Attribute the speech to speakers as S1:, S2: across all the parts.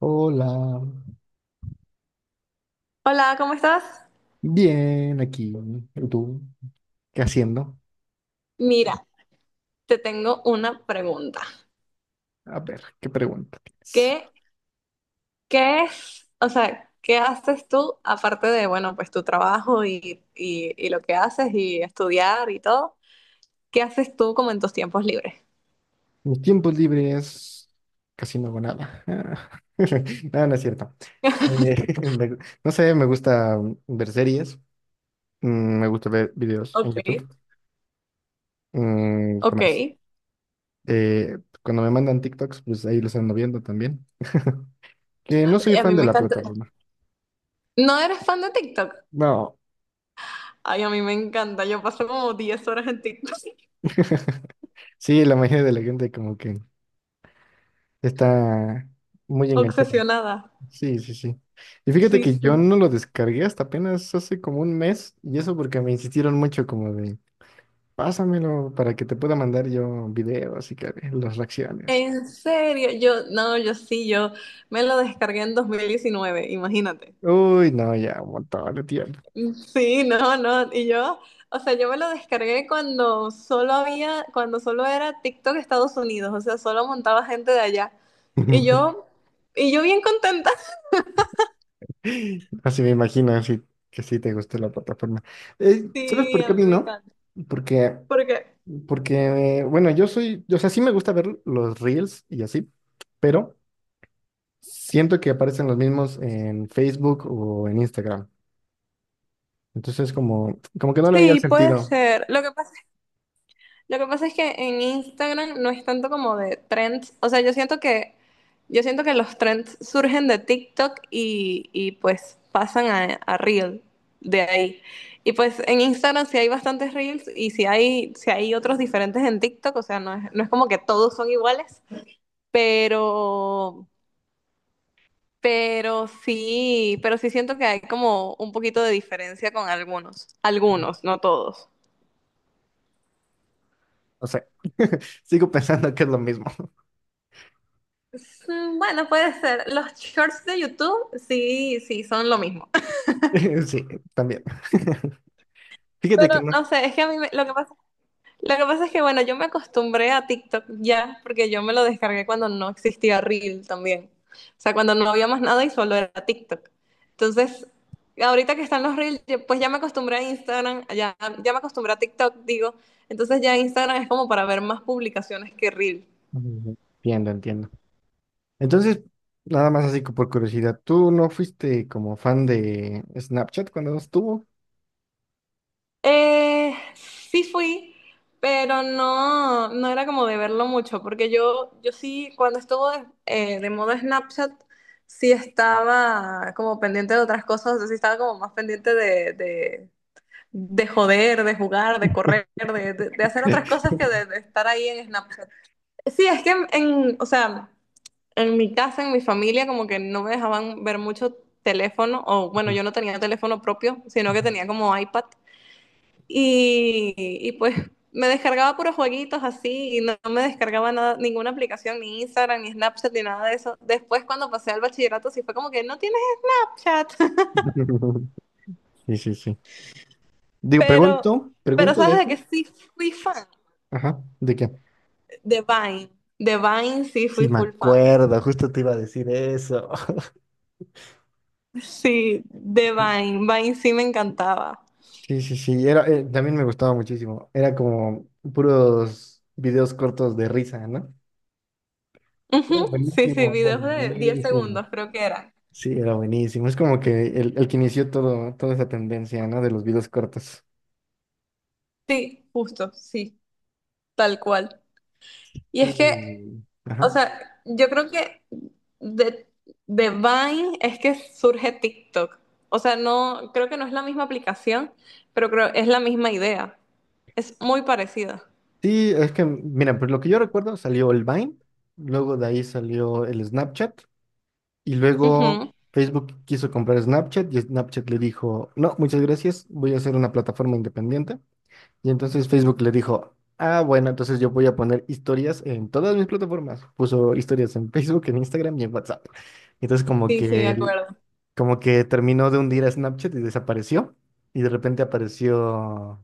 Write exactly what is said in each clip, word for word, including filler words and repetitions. S1: Hola,
S2: Hola, ¿cómo estás?
S1: bien aquí. ¿Y tú? ¿Qué haciendo?
S2: Mira, te tengo una pregunta.
S1: A ver, ¿qué pregunta tienes?
S2: ¿Qué, qué es, o sea, qué haces tú aparte de, bueno, pues tu trabajo y, y, y lo que haces y estudiar y todo? ¿Qué haces tú como en tus tiempos libres?
S1: Mis tiempos libres, casi no hago nada. Ah, no, no es cierto. Eh, me- no sé, me gusta ver series, mm, me gusta ver videos en
S2: Ok,
S1: YouTube. Mm, ¿qué
S2: ok.
S1: más?
S2: Y
S1: Eh, cuando me mandan TikToks, pues ahí los ando viendo también. Que no soy
S2: a
S1: fan
S2: mí
S1: de
S2: me
S1: la
S2: encanta.
S1: plataforma.
S2: ¿No eres fan de TikTok?
S1: No.
S2: Ay, a mí me encanta. Yo paso como diez horas en TikTok.
S1: Sí, la mayoría de la gente como que está muy enganchada.
S2: Obsesionada.
S1: Sí, sí, sí. Y fíjate
S2: Sí,
S1: que yo
S2: sí.
S1: no lo descargué hasta apenas hace como un mes, y eso porque me insistieron mucho como de, pásamelo para que te pueda mandar yo videos y que ve las reacciones.
S2: En serio, yo, no, yo sí, yo me lo descargué en dos mil diecinueve. Imagínate.
S1: Uy, no, ya, un montón de tiempo.
S2: Sí, no, no. Y yo, o sea, yo me lo descargué cuando solo había, cuando solo era TikTok Estados Unidos, o sea, solo montaba gente de allá. Y yo, y yo bien contenta.
S1: Así me imagino, así que sí te gustó la plataforma. Eh, ¿sabes
S2: Sí,
S1: por qué
S2: a
S1: a
S2: mí
S1: mí
S2: me
S1: no?
S2: encanta.
S1: Porque,
S2: Porque
S1: porque, bueno, yo soy, o sea, sí me gusta ver los reels y así, pero siento que aparecen los mismos en Facebook o en Instagram. Entonces, como, como que no le veía el
S2: sí, puede
S1: sentido.
S2: ser. Lo que pasa Lo que pasa es que en Instagram no es tanto como de trends. O sea, yo siento que, yo siento que los trends surgen de TikTok y, y pues pasan a, a Reel de ahí. Y pues en Instagram sí hay bastantes Reels y sí hay, sí hay otros diferentes en TikTok. O sea, no es, no es como que todos son iguales, pero, pero sí, pero sí siento que hay como un poquito de diferencia con algunos. Algunos, no todos.
S1: O sea, sigo pensando que es lo mismo.
S2: Mm, Bueno, puede ser. Los shorts de YouTube, sí, sí, son lo mismo.
S1: Sí, también. Fíjate
S2: Pero
S1: que no.
S2: no sé, es que a mí me- lo que pasa, lo que pasa es que, bueno, yo me acostumbré a TikTok ya, porque yo me lo descargué cuando no existía Reel también. O sea, cuando no había más nada y solo era TikTok. Entonces, ahorita que están los Reels, yo- pues ya me acostumbré a Instagram, ya, ya me acostumbré a TikTok, digo. Entonces ya Instagram es como para ver más publicaciones que Reel.
S1: Mm, entiendo, entiendo. Entonces, nada más así por curiosidad, ¿tú no fuiste como fan de Snapchat cuando no estuvo?
S2: Eh, sí fui, pero no, no era como de verlo mucho, porque yo, yo sí, cuando estuvo de, eh, de moda Snapchat, sí estaba como pendiente de otras cosas, o sea, sí estaba como más pendiente de, de, de, joder, de jugar, de correr, de, de- de hacer otras cosas que de, de estar ahí en Snapchat. Sí, es que en, en- o sea, en mi casa, en mi familia, como que no me dejaban ver mucho teléfono, o bueno,
S1: Ujú.
S2: yo no tenía teléfono propio, sino que tenía como iPad. Y, y pues me descargaba puros jueguitos así y no, no me descargaba nada, ninguna aplicación, ni Instagram, ni Snapchat, ni nada de eso. Después cuando pasé al bachillerato sí fue como que no tienes Snapchat.
S1: Sí, sí, sí. Digo,
S2: pero,
S1: pregunto,
S2: pero
S1: pregunto de
S2: sabes de
S1: eso.
S2: que sí fui fan
S1: Ajá, ¿de qué?
S2: de Vine. De Vine sí
S1: Sí,
S2: fui
S1: me
S2: full fan.
S1: acuerdo, justo te iba a decir eso.
S2: Sí, de Vine. Vine sí me encantaba.
S1: Sí, sí, sí, era, eh, también me gustaba muchísimo. Era como puros videos cortos de risa, ¿no? Era
S2: Ujú, sí, sí,
S1: buenísimo, era
S2: videos de diez
S1: buenísimo.
S2: segundos creo que era.
S1: Sí, era buenísimo. Es como que el, el que inició todo, toda esa tendencia, ¿no? De los videos cortos.
S2: Sí, justo, sí, tal cual. Y
S1: Sí.
S2: es que O
S1: Ajá.
S2: sea, yo creo que de, de Vine es que surge TikTok. O sea, no, creo que no es la misma aplicación, pero creo es la misma idea. Es muy parecida.
S1: Sí, es que, mira, pues lo que yo recuerdo salió el Vine, luego de ahí salió el Snapchat, y luego
S2: Ujú.
S1: Facebook quiso comprar Snapchat y Snapchat le dijo, no, muchas gracias, voy a hacer una plataforma independiente. Y entonces Facebook le dijo, ah, bueno, entonces yo voy a poner historias en todas mis plataformas. Puso historias en Facebook, en Instagram y en WhatsApp. Entonces como
S2: Sí, sí, me
S1: que, el-
S2: acuerdo.
S1: como que terminó de hundir a Snapchat y desapareció. Y de repente apareció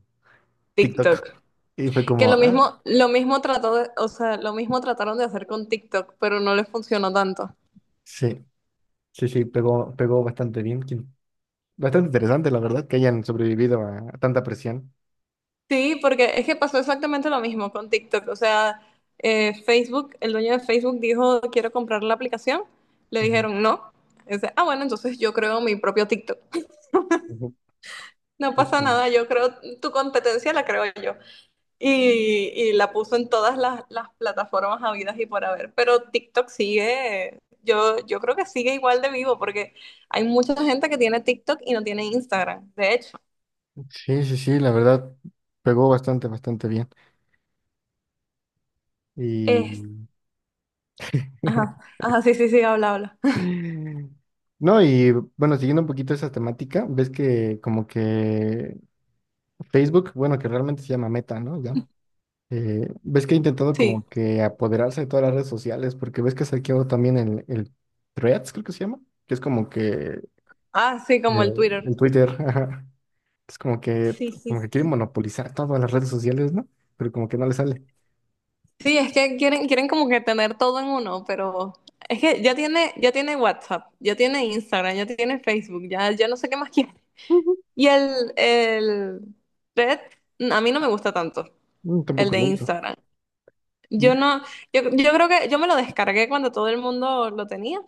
S1: TikTok.
S2: TikTok.
S1: Y fue
S2: Que
S1: como,
S2: lo
S1: ah,
S2: mismo, lo mismo trató de- O sea, lo mismo trataron de hacer con TikTok, pero no les funcionó tanto.
S1: sí, sí, sí, pegó, pegó bastante bien. Quien- Bastante interesante, la verdad, que hayan sobrevivido a, a tanta presión.
S2: Sí, porque es que pasó exactamente lo mismo con TikTok. O sea, eh, Facebook, el dueño de Facebook dijo, quiero comprar la aplicación. Le
S1: Ujú,
S2: dijeron no. Dice, ah, bueno, entonces yo creo mi propio TikTok.
S1: ujú,
S2: No pasa
S1: justamente.
S2: nada, yo creo, tu competencia la creo yo. Y, y la puso en todas las, las plataformas habidas y por haber. Pero TikTok sigue, yo, yo creo que sigue igual de vivo, porque hay mucha gente que tiene TikTok y no tiene Instagram, de hecho.
S1: Sí, sí, sí, la verdad, pegó bastante, bastante bien. Y
S2: Es, ajá, ajá, sí, sí, sí, habla, habla.
S1: no, y bueno, siguiendo un poquito esa temática, ves que como que Facebook, bueno, que realmente se llama Meta, ¿no? Ya. Eh, ves que ha intentado
S2: Sí.
S1: como que apoderarse de todas las redes sociales, porque ves que saqueó también el, el Threads, creo que se llama, que es como que
S2: Ah, sí, como
S1: eh,
S2: el Twitter.
S1: el Twitter, ajá. Es como que,
S2: Sí, sí,
S1: como que quiere
S2: sí.
S1: monopolizar todas las redes sociales, ¿no? Pero como que no le sale.
S2: Sí, es que quieren, quieren como que tener todo en uno, pero es que ya tiene, ya tiene WhatsApp, ya tiene Instagram, ya tiene Facebook, ya, ya no sé qué más quiere.
S1: Ujú.
S2: Y el, el Red, a mí no me gusta tanto,
S1: Mm,
S2: el
S1: tampoco
S2: de
S1: lo uso.
S2: Instagram. Yo no, yo, yo creo que yo me lo descargué cuando todo el mundo lo tenía,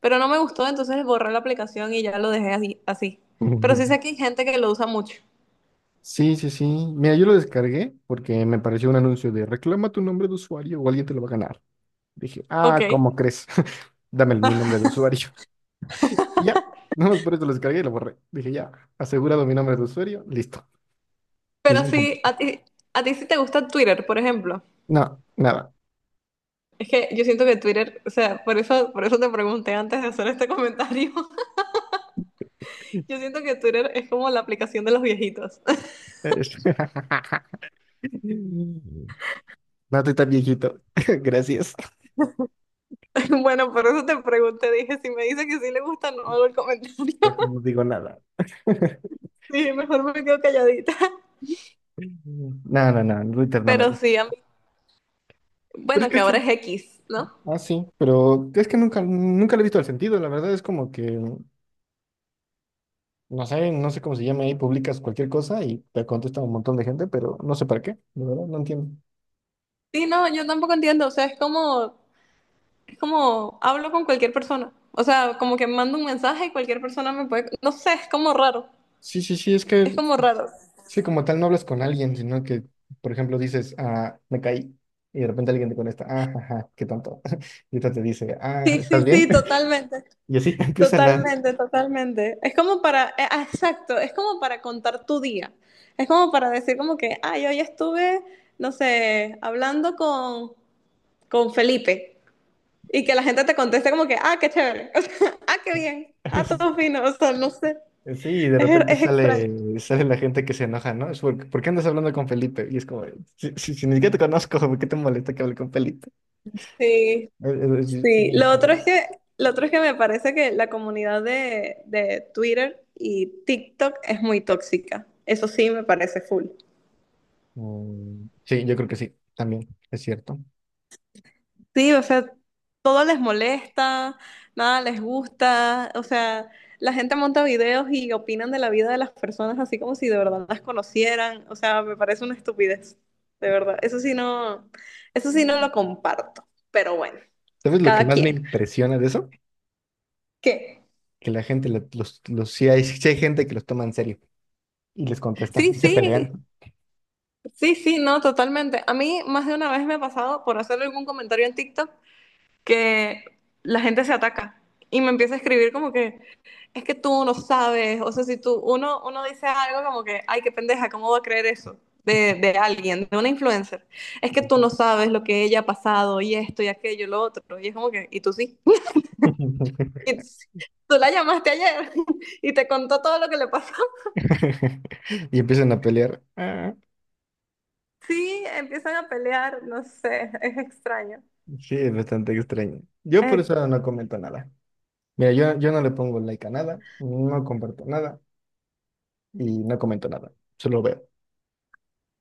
S2: pero no me gustó, entonces borré la aplicación y ya lo dejé así, así. Pero sí sé que hay gente que lo usa mucho.
S1: Sí, sí, sí. Mira, yo lo descargué porque me pareció un anuncio de reclama tu nombre de usuario o alguien te lo va a ganar. Dije, ah,
S2: Ok.
S1: ¿cómo crees? Dame el- mi nombre de usuario. Y ya, nada más por eso lo descargué y lo borré. Dije, ya, asegurado mi nombre de usuario, listo.
S2: Pero
S1: Misión
S2: sí,
S1: cumplida.
S2: a ti, a ti sí te gusta Twitter, por ejemplo.
S1: No, nada.
S2: Es que yo siento que Twitter, o sea, por eso, por eso te pregunté antes de hacer este comentario.
S1: Es-
S2: Yo siento que Twitter es como la aplicación de los viejitos.
S1: no estoy tan viejito. Gracias.
S2: Bueno, por eso te pregunté, dije, si me dice que sí le gusta, no hago el comentario.
S1: Deja, no digo nada.
S2: Sí, mejor me quedo calladita.
S1: No, no, no, Twitter no me
S2: Pero
S1: gusta.
S2: sí, a mí-
S1: Pero es
S2: bueno,
S1: que
S2: que
S1: sí.
S2: ahora es X, ¿no?
S1: Ah, sí, pero es que nunca, nunca le he visto el sentido. La verdad es como que. No sé, no sé cómo se llama ahí, publicas cualquier cosa y te contesta un montón de gente, pero no sé para qué, de verdad, no entiendo.
S2: Sí, no, yo tampoco entiendo, o sea, es como, es como, hablo con cualquier persona. O sea, como que mando un mensaje y cualquier persona me puede, no sé, es como raro.
S1: Sí, sí, sí, es
S2: Es
S1: que,
S2: como raro.
S1: sí, como tal no hablas con alguien, sino que, por ejemplo, dices, ah, me caí, y de repente alguien te contesta, ah, ajá, qué tonto. Y otra te dice, ah,
S2: Sí,
S1: ¿estás
S2: sí,
S1: bien?
S2: sí, totalmente.
S1: Y así empiezan a...
S2: Totalmente, totalmente. Es como para, eh, ah, exacto, es como para contar tu día. Es como para decir como que, ay, hoy estuve, no sé, hablando con, con Felipe, y que la gente te conteste como que, ah, qué chévere, o sea, ah, qué bien, ah, todo fino, o sea, no sé,
S1: Sí, y de
S2: es,
S1: repente
S2: es extraño.
S1: sale, sale la gente que se enoja, ¿no? Es porque, ¿por qué andas hablando con Felipe? Y es como, si, si- si ni siquiera te conozco, ¿por qué te molesta que hable con Felipe?
S2: Sí,
S1: Es, es- es
S2: sí.
S1: bien
S2: Lo otro
S1: extraño.
S2: es que, lo otro es que me parece que la comunidad de, de Twitter y TikTok es muy tóxica. Eso sí me parece full.
S1: Mm, sí, yo creo que sí, también es cierto.
S2: Sí, o sea, todo les molesta, nada les gusta, o sea, la gente monta videos y opinan de la vida de las personas así como si de verdad las conocieran, o sea, me parece una estupidez, de verdad. Eso sí no, eso sí no lo comparto, pero bueno,
S1: ¿Sabes lo que
S2: cada
S1: más me
S2: quien.
S1: impresiona de eso?
S2: ¿Qué?
S1: Que la gente, la- los, los, sí hay, sí hay gente que los toma en serio y les contesta,
S2: Sí,
S1: y se
S2: sí,
S1: pelean.
S2: sí, sí, no, totalmente. A mí más de una vez me ha pasado por hacer algún comentario en TikTok que la gente se ataca y me empieza a escribir como que es que tú no sabes, o sea, si tú uno uno dice algo como que, ay, qué pendeja, ¿cómo va a creer eso? De, de alguien, de una influencer. Es que tú no sabes lo que ella ha pasado y esto y aquello y lo otro. Y es como que, y tú sí. Y tú sí. Tú la llamaste ayer y te contó todo lo que le pasó.
S1: Y empiezan a pelear. Ah,
S2: Sí, empiezan a pelear, no sé, es extraño.
S1: sí, es bastante extraño. Yo por
S2: Es
S1: eso no comento nada. Mira, yo, yo no le pongo like a nada, no comparto nada y no comento nada, solo veo.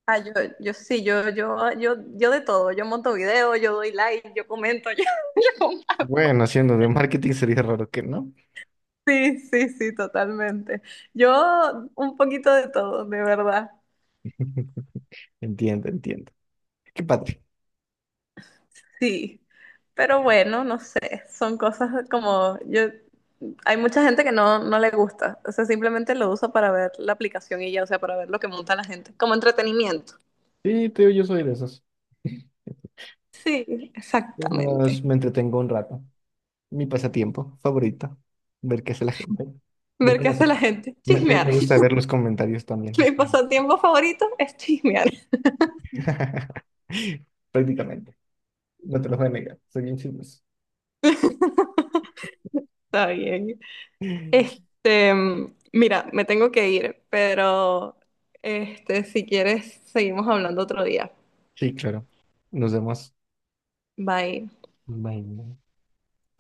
S2: Ah, yo, yo sí, yo, yo, yo, yo de todo, yo monto videos, yo doy like, yo comento, yo, yo comparto.
S1: Bueno, haciendo de marketing sería raro que no.
S2: Sí, sí, sí, totalmente. Yo un poquito de todo, de verdad,
S1: Entiendo, entiendo. Qué padre.
S2: sí. Pero bueno, no sé, son cosas como yo, hay mucha gente que no, no le gusta, o sea, simplemente lo usa para ver la aplicación y ya, o sea, para ver lo que monta la gente, como entretenimiento.
S1: Sí, te digo, yo soy de esos.
S2: Sí,
S1: Y
S2: exactamente.
S1: nos- me entretengo un rato. Mi pasatiempo favorito, ver qué hace la gente, ver
S2: Ver qué
S1: cómo se...
S2: hace la gente,
S1: Me, me- me
S2: chismear.
S1: gusta ver los comentarios también, es
S2: Mi
S1: como-
S2: pasatiempo favorito es chismear.
S1: prácticamente. No te lo voy a negar, soy bien chismoso.
S2: Está bien. Este, mira, me tengo que ir, pero este, si quieres, seguimos hablando otro día.
S1: Sí, claro. Nos vemos.
S2: Bye.
S1: Bye.